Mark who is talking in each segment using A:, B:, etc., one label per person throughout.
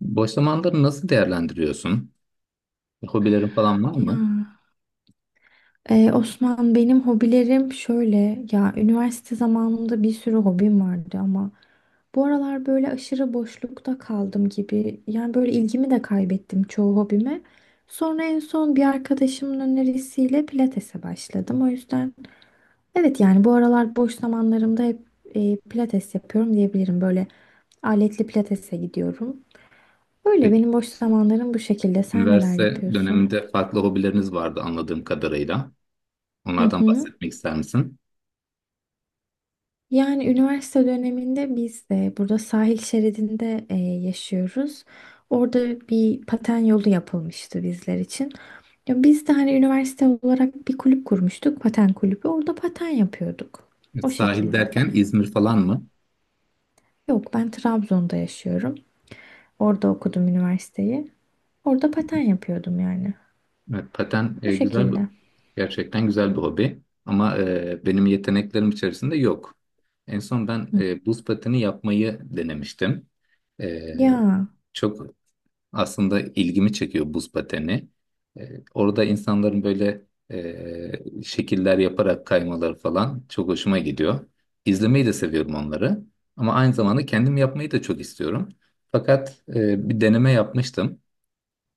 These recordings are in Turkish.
A: Boş zamanları nasıl değerlendiriyorsun? Hobilerin falan var mı?
B: Ya, Osman benim hobilerim şöyle ya üniversite zamanımda bir sürü hobim vardı ama bu aralar böyle aşırı boşlukta kaldım gibi, yani böyle ilgimi de kaybettim çoğu hobime. Sonra en son bir arkadaşımın önerisiyle pilatese başladım. O yüzden evet, yani bu aralar boş zamanlarımda hep pilates yapıyorum diyebilirim. Böyle aletli pilatese gidiyorum. Böyle
A: Peki,
B: benim boş zamanlarım bu şekilde. Sen neler
A: üniversite
B: yapıyorsun?
A: döneminde farklı hobileriniz vardı anladığım kadarıyla.
B: Hı
A: Onlardan
B: hı.
A: bahsetmek ister misin?
B: Yani üniversite döneminde biz de burada sahil şeridinde yaşıyoruz. Orada bir paten yolu yapılmıştı bizler için. Ya biz de hani üniversite olarak bir kulüp kurmuştuk, paten kulübü. Orada paten yapıyorduk. O
A: Sahil
B: şekilde.
A: derken İzmir falan mı?
B: Yok, ben Trabzon'da yaşıyorum. Orada okudum üniversiteyi. Orada paten yapıyordum yani.
A: Evet, paten
B: Bu
A: güzel
B: şekilde.
A: gerçekten güzel bir hobi. Ama benim yeteneklerim içerisinde yok. En son ben
B: Hı.
A: buz pateni yapmayı denemiştim. E,
B: Ya,
A: Çok aslında ilgimi çekiyor buz pateni. Orada insanların böyle şekiller yaparak kaymaları falan çok hoşuma gidiyor. İzlemeyi de seviyorum onları. Ama aynı zamanda kendim yapmayı da çok istiyorum. Fakat bir deneme yapmıştım.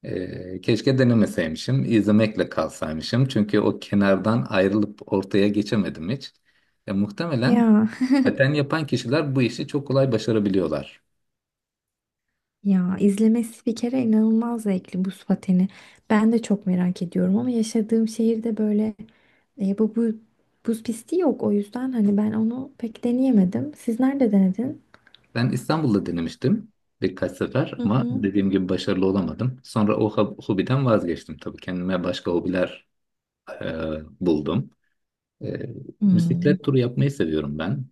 A: Keşke denemeseymişim, izlemekle kalsaymışım. Çünkü o kenardan ayrılıp ortaya geçemedim hiç. Ya, muhtemelen
B: ya.
A: paten yapan kişiler bu işi çok kolay başarabiliyorlar.
B: Ya izlemesi bir kere inanılmaz zevkli buz pateni. Ben de çok merak ediyorum ama yaşadığım şehirde böyle bu buz pisti yok. O yüzden hani ben onu pek deneyemedim. Siz nerede denedin?
A: Ben İstanbul'da denemiştim birkaç sefer
B: Hı
A: ama
B: hı.
A: dediğim gibi başarılı olamadım. Sonra o hobiden vazgeçtim tabii. Kendime başka hobiler e, buldum. E,
B: Hmm.
A: Bisiklet turu yapmayı seviyorum ben.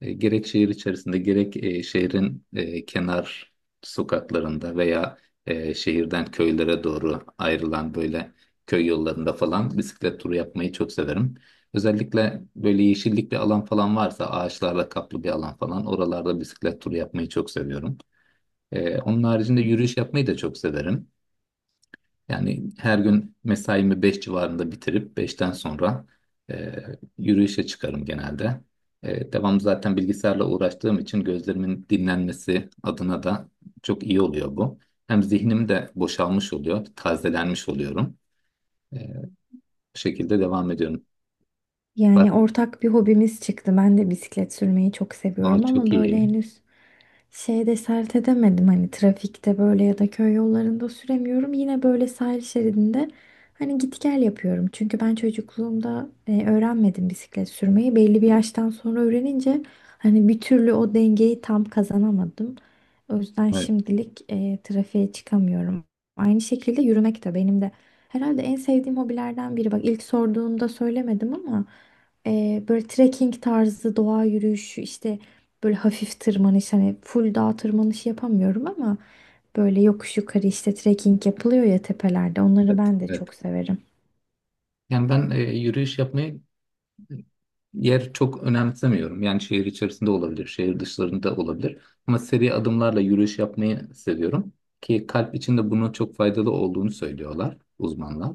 A: Gerek şehir içerisinde gerek şehrin kenar sokaklarında veya şehirden köylere doğru ayrılan böyle köy yollarında falan bisiklet turu yapmayı çok severim. Özellikle böyle yeşillik bir alan falan varsa ağaçlarla kaplı bir alan falan oralarda bisiklet turu yapmayı çok seviyorum. Onun haricinde yürüyüş yapmayı da çok severim. Yani her gün mesaimi 5 civarında bitirip beşten sonra e, yürüyüşe çıkarım genelde. Devam zaten bilgisayarla uğraştığım için gözlerimin dinlenmesi adına da çok iyi oluyor bu. Hem zihnim de boşalmış oluyor, tazelenmiş oluyorum. E, Bu şekilde devam ediyorum. Var-
B: Yani ortak bir hobimiz çıktı. Ben de bisiklet sürmeyi çok
A: Aa,
B: seviyorum ama
A: çok
B: böyle
A: iyi.
B: henüz şeyde sert edemedim, hani trafikte böyle ya da köy yollarında süremiyorum. Yine böyle sahil şeridinde hani git gel yapıyorum. Çünkü ben çocukluğumda öğrenmedim bisiklet sürmeyi. Belli bir yaştan sonra öğrenince hani bir türlü o dengeyi tam kazanamadım. O yüzden
A: Evet,
B: şimdilik trafiğe çıkamıyorum. Aynı şekilde yürümek de benim de herhalde en sevdiğim hobilerden biri. Bak ilk sorduğunda söylemedim ama böyle trekking tarzı doğa yürüyüşü, işte böyle hafif tırmanış, hani full dağ tırmanışı yapamıyorum ama böyle yokuş yukarı işte trekking yapılıyor ya tepelerde. Onları
A: evet,
B: ben de
A: evet.
B: çok severim.
A: Yani ben yürüyüş yapmayı yer çok önemsemiyorum. Yani şehir içerisinde olabilir, şehir dışlarında olabilir. Ama seri adımlarla yürüyüş yapmayı seviyorum. Ki kalp için de bunun çok faydalı olduğunu söylüyorlar uzmanlar.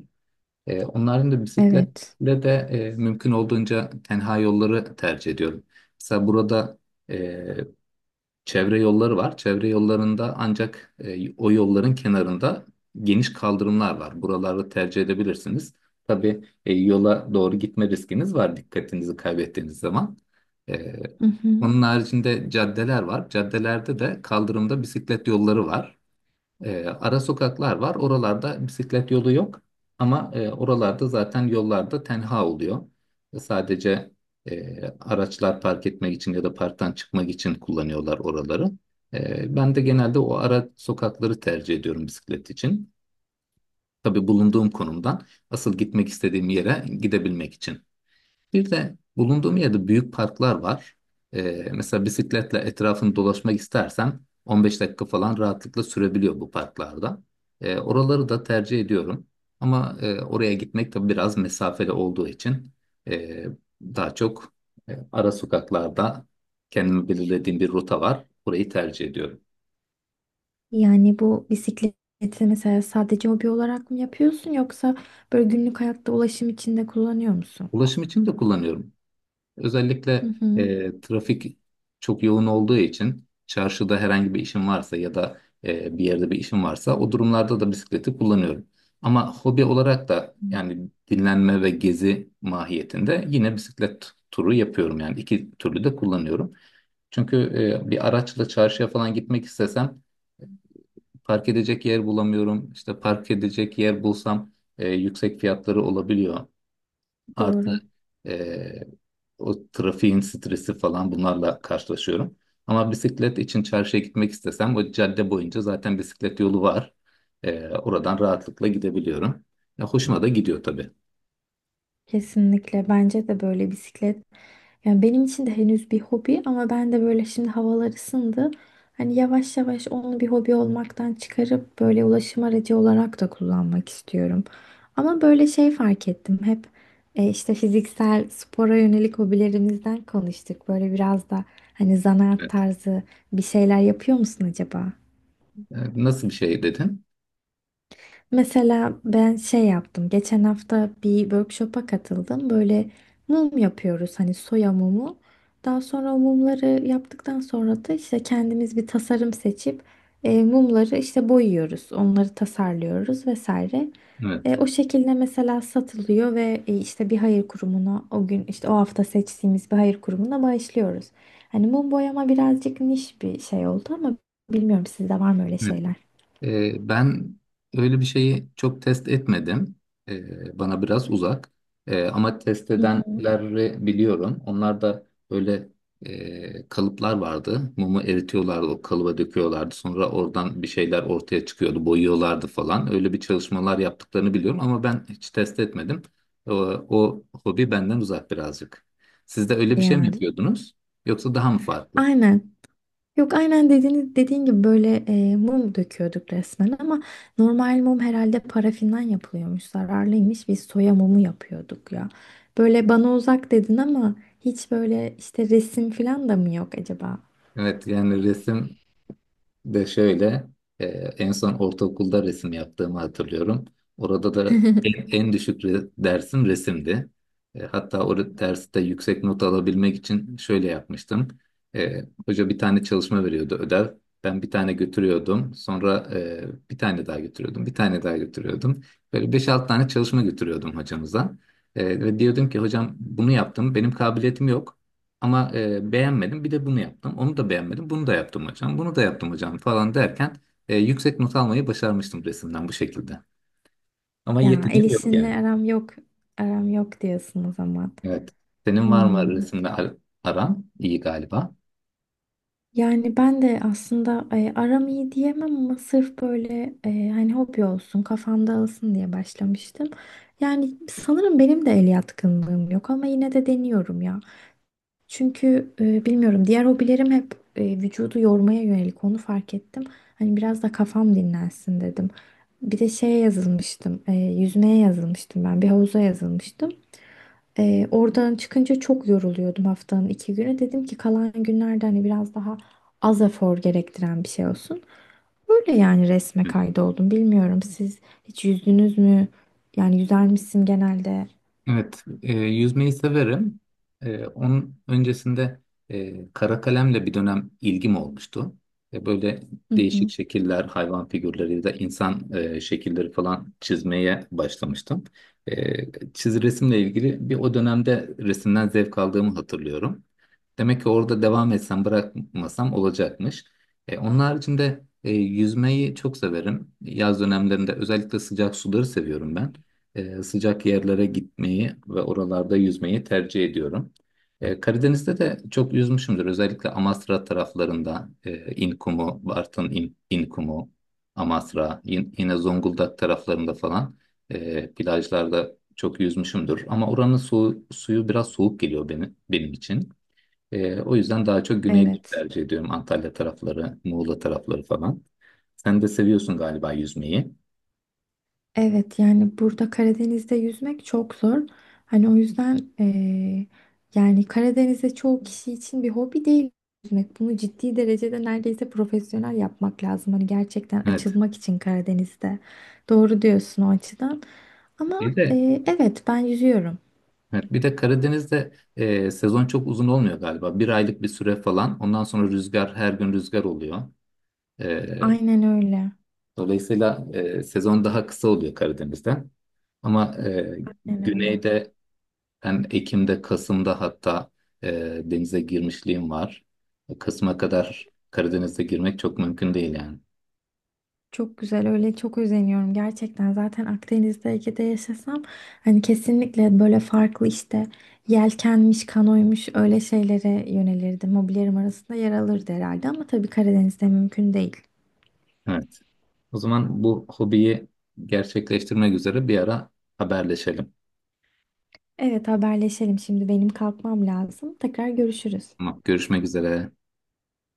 A: Onların da
B: Evet.
A: bisikletle de mümkün olduğunca tenha yolları tercih ediyorum. Mesela burada e, çevre yolları var. Çevre yollarında ancak o yolların kenarında geniş kaldırımlar var. Buraları tercih edebilirsiniz. Tabii yola doğru gitme riskiniz var dikkatinizi kaybettiğiniz zaman. E,
B: Hı hı.
A: Onun haricinde caddeler var. Caddelerde de kaldırımda bisiklet yolları var. Ara sokaklar var. Oralarda bisiklet yolu yok. Ama oralarda zaten yollarda tenha oluyor. Sadece araçlar park etmek için ya da parktan çıkmak için kullanıyorlar oraları. Ben de genelde o ara sokakları tercih ediyorum bisiklet için. Tabii bulunduğum konumdan asıl gitmek istediğim yere gidebilmek için. Bir de bulunduğum yerde büyük parklar var. Mesela bisikletle etrafını dolaşmak istersen 15 dakika falan rahatlıkla sürebiliyor bu parklarda. Oraları da tercih ediyorum. Ama oraya gitmek tabii biraz mesafeli olduğu için e, daha çok ara sokaklarda kendime belirlediğim bir rota var. Orayı tercih ediyorum.
B: Yani bu bisikleti mesela sadece hobi olarak mı yapıyorsun, yoksa böyle günlük hayatta ulaşım için de kullanıyor musun?
A: Ulaşım için de kullanıyorum.
B: Hı
A: Özellikle
B: hı.
A: trafik çok yoğun olduğu için çarşıda herhangi bir işim varsa ya da bir yerde bir işim varsa o durumlarda da bisikleti kullanıyorum. Ama hobi olarak da
B: Hmm.
A: yani dinlenme ve gezi mahiyetinde yine bisiklet turu yapıyorum. Yani iki türlü de kullanıyorum. Çünkü bir araçla çarşıya falan gitmek istesem park edecek yer bulamıyorum. İşte park edecek yer bulsam yüksek fiyatları olabiliyor. Artı
B: Doğru.
A: eee, o trafiğin stresi falan bunlarla karşılaşıyorum. Ama bisiklet için çarşıya gitmek istesem bu cadde boyunca zaten bisiklet yolu var. Oradan rahatlıkla gidebiliyorum. Ya, hoşuma da gidiyor tabii.
B: Kesinlikle bence de böyle bisiklet. Yani benim için de henüz bir hobi ama ben de böyle şimdi havalar ısındı. Hani yavaş yavaş onu bir hobi olmaktan çıkarıp böyle ulaşım aracı olarak da kullanmak istiyorum. Ama böyle şey fark ettim. Hep işte fiziksel spora yönelik hobilerimizden konuştuk. Böyle biraz da hani zanaat
A: Evet.
B: tarzı bir şeyler yapıyor musun acaba?
A: E, Nasıl bir şey dedin?
B: Mesela ben şey yaptım. Geçen hafta bir workshop'a katıldım. Böyle mum yapıyoruz, hani soya mumu. Daha sonra o mumları yaptıktan sonra da işte kendimiz bir tasarım seçip mumları işte boyuyoruz. Onları tasarlıyoruz vesaire.
A: Evet.
B: O şekilde mesela satılıyor ve işte bir hayır kurumuna, o gün işte o hafta seçtiğimiz bir hayır kurumuna bağışlıyoruz. Hani mum boyama birazcık niş bir şey oldu ama bilmiyorum, sizde var mı öyle şeyler?
A: Ben öyle bir şeyi çok test etmedim. Bana biraz uzak. Ama test
B: Hı hı.
A: edenleri biliyorum. Onlar da böyle kalıplar vardı. Mumu eritiyorlardı, o kalıba döküyorlardı. Sonra oradan bir şeyler ortaya çıkıyordu, boyuyorlardı falan. Öyle bir çalışmalar yaptıklarını biliyorum ama ben hiç test etmedim. O, o hobi benden uzak birazcık. Siz de öyle bir şey mi
B: Yani
A: yapıyordunuz? Yoksa daha mı farklı?
B: aynen. Yok, aynen dediğin, gibi böyle mum döküyorduk resmen ama normal mum herhalde parafinden yapılıyormuş, zararlıymış, biz soya mumu yapıyorduk ya. Böyle bana uzak dedin ama hiç böyle işte resim falan da mı yok acaba?
A: Evet, yani resim de şöyle e, en son ortaokulda resim yaptığımı hatırlıyorum. Orada da en düşük dersim resimdi. Hatta o derste yüksek not alabilmek için şöyle yapmıştım. Hoca bir tane çalışma veriyordu ödev. Ben bir tane götürüyordum. Sonra bir tane daha götürüyordum. Bir tane daha götürüyordum. Böyle beş 6 tane çalışma götürüyordum hocamıza. Ve diyordum ki hocam bunu yaptım. Benim kabiliyetim yok. Ama beğenmedim. Bir de bunu yaptım. Onu da beğenmedim. Bunu da yaptım hocam. Bunu da yaptım hocam falan derken yüksek not almayı başarmıştım resimden bu şekilde. Ama
B: Ya, el
A: yeteneğim yok yani.
B: işinle aram yok, diyorsun o zaman.
A: Evet. Senin var mı
B: Hmm.
A: resimle aran? İyi galiba.
B: Yani ben de aslında aram iyi diyemem ama sırf böyle hani hobi olsun, kafam dağılsın diye başlamıştım. Yani sanırım benim de el yatkınlığım yok ama yine de deniyorum ya. Çünkü bilmiyorum, diğer hobilerim hep vücudu yormaya yönelik, onu fark ettim. Hani biraz da kafam dinlensin dedim. Bir de şeye yazılmıştım, yüzmeye yazılmıştım ben, bir havuza yazılmıştım. Oradan çıkınca çok yoruluyordum haftanın iki günü. Dedim ki kalan günlerde hani biraz daha az efor gerektiren bir şey olsun. Öyle yani, resme kaydoldum. Bilmiyorum, siz hiç yüzdünüz mü? Yani yüzer misin genelde?
A: Evet, yüzmeyi severim. Onun öncesinde kara kalemle bir dönem ilgim olmuştu. Böyle
B: Hı
A: değişik
B: hı.
A: şekiller, hayvan figürleri ya da insan şekilleri falan çizmeye başlamıştım. Resimle ilgili bir o dönemde resimden zevk aldığımı hatırlıyorum. Demek ki orada devam etsem, bırakmasam olacakmış. Onun haricinde yüzmeyi çok severim. Yaz dönemlerinde özellikle sıcak suları seviyorum ben sıcak yerlere gitmeyi ve oralarda yüzmeyi tercih ediyorum. Karadeniz'de de çok yüzmüşümdür. Özellikle Amasra taraflarında İnkumu, İnkumu, Amasra, yine Zonguldak taraflarında falan plajlarda çok yüzmüşümdür. Ama oranın suyu biraz soğuk geliyor benim için. O yüzden daha çok güneyleri
B: Evet.
A: tercih ediyorum. Antalya tarafları, Muğla tarafları falan. Sen de seviyorsun galiba yüzmeyi.
B: Evet, yani burada Karadeniz'de yüzmek çok zor. Hani o yüzden yani Karadeniz'de çoğu kişi için bir hobi değil yüzmek. Bunu ciddi derecede neredeyse profesyonel yapmak lazım. Hani gerçekten
A: Evet.
B: açılmak için Karadeniz'de. Doğru diyorsun o açıdan. Ama
A: Bir de
B: evet, ben yüzüyorum.
A: evet, bir de Karadeniz'de sezon çok uzun olmuyor galiba. Bir aylık bir süre falan. Ondan sonra rüzgar her gün rüzgar oluyor. E,
B: Aynen öyle.
A: Dolayısıyla sezon daha kısa oluyor Karadeniz'de. Ama
B: Aynen öyle.
A: güneyde ben Ekim'de, Kasım'da hatta denize girmişliğim var. Kasım'a kadar Karadeniz'e girmek çok mümkün değil yani.
B: Çok güzel, öyle çok özeniyorum gerçekten. Zaten Akdeniz'de, Ege'de yaşasam hani kesinlikle böyle farklı işte yelkenmiş, kanoymuş, öyle şeylere yönelirdim, hobilerim arasında yer alırdı herhalde, ama tabii Karadeniz'de mümkün değil.
A: Evet. O zaman bu hobiyi gerçekleştirmek üzere bir ara haberleşelim.
B: Evet, haberleşelim. Şimdi benim kalkmam lazım, tekrar görüşürüz.
A: Tamam, görüşmek üzere.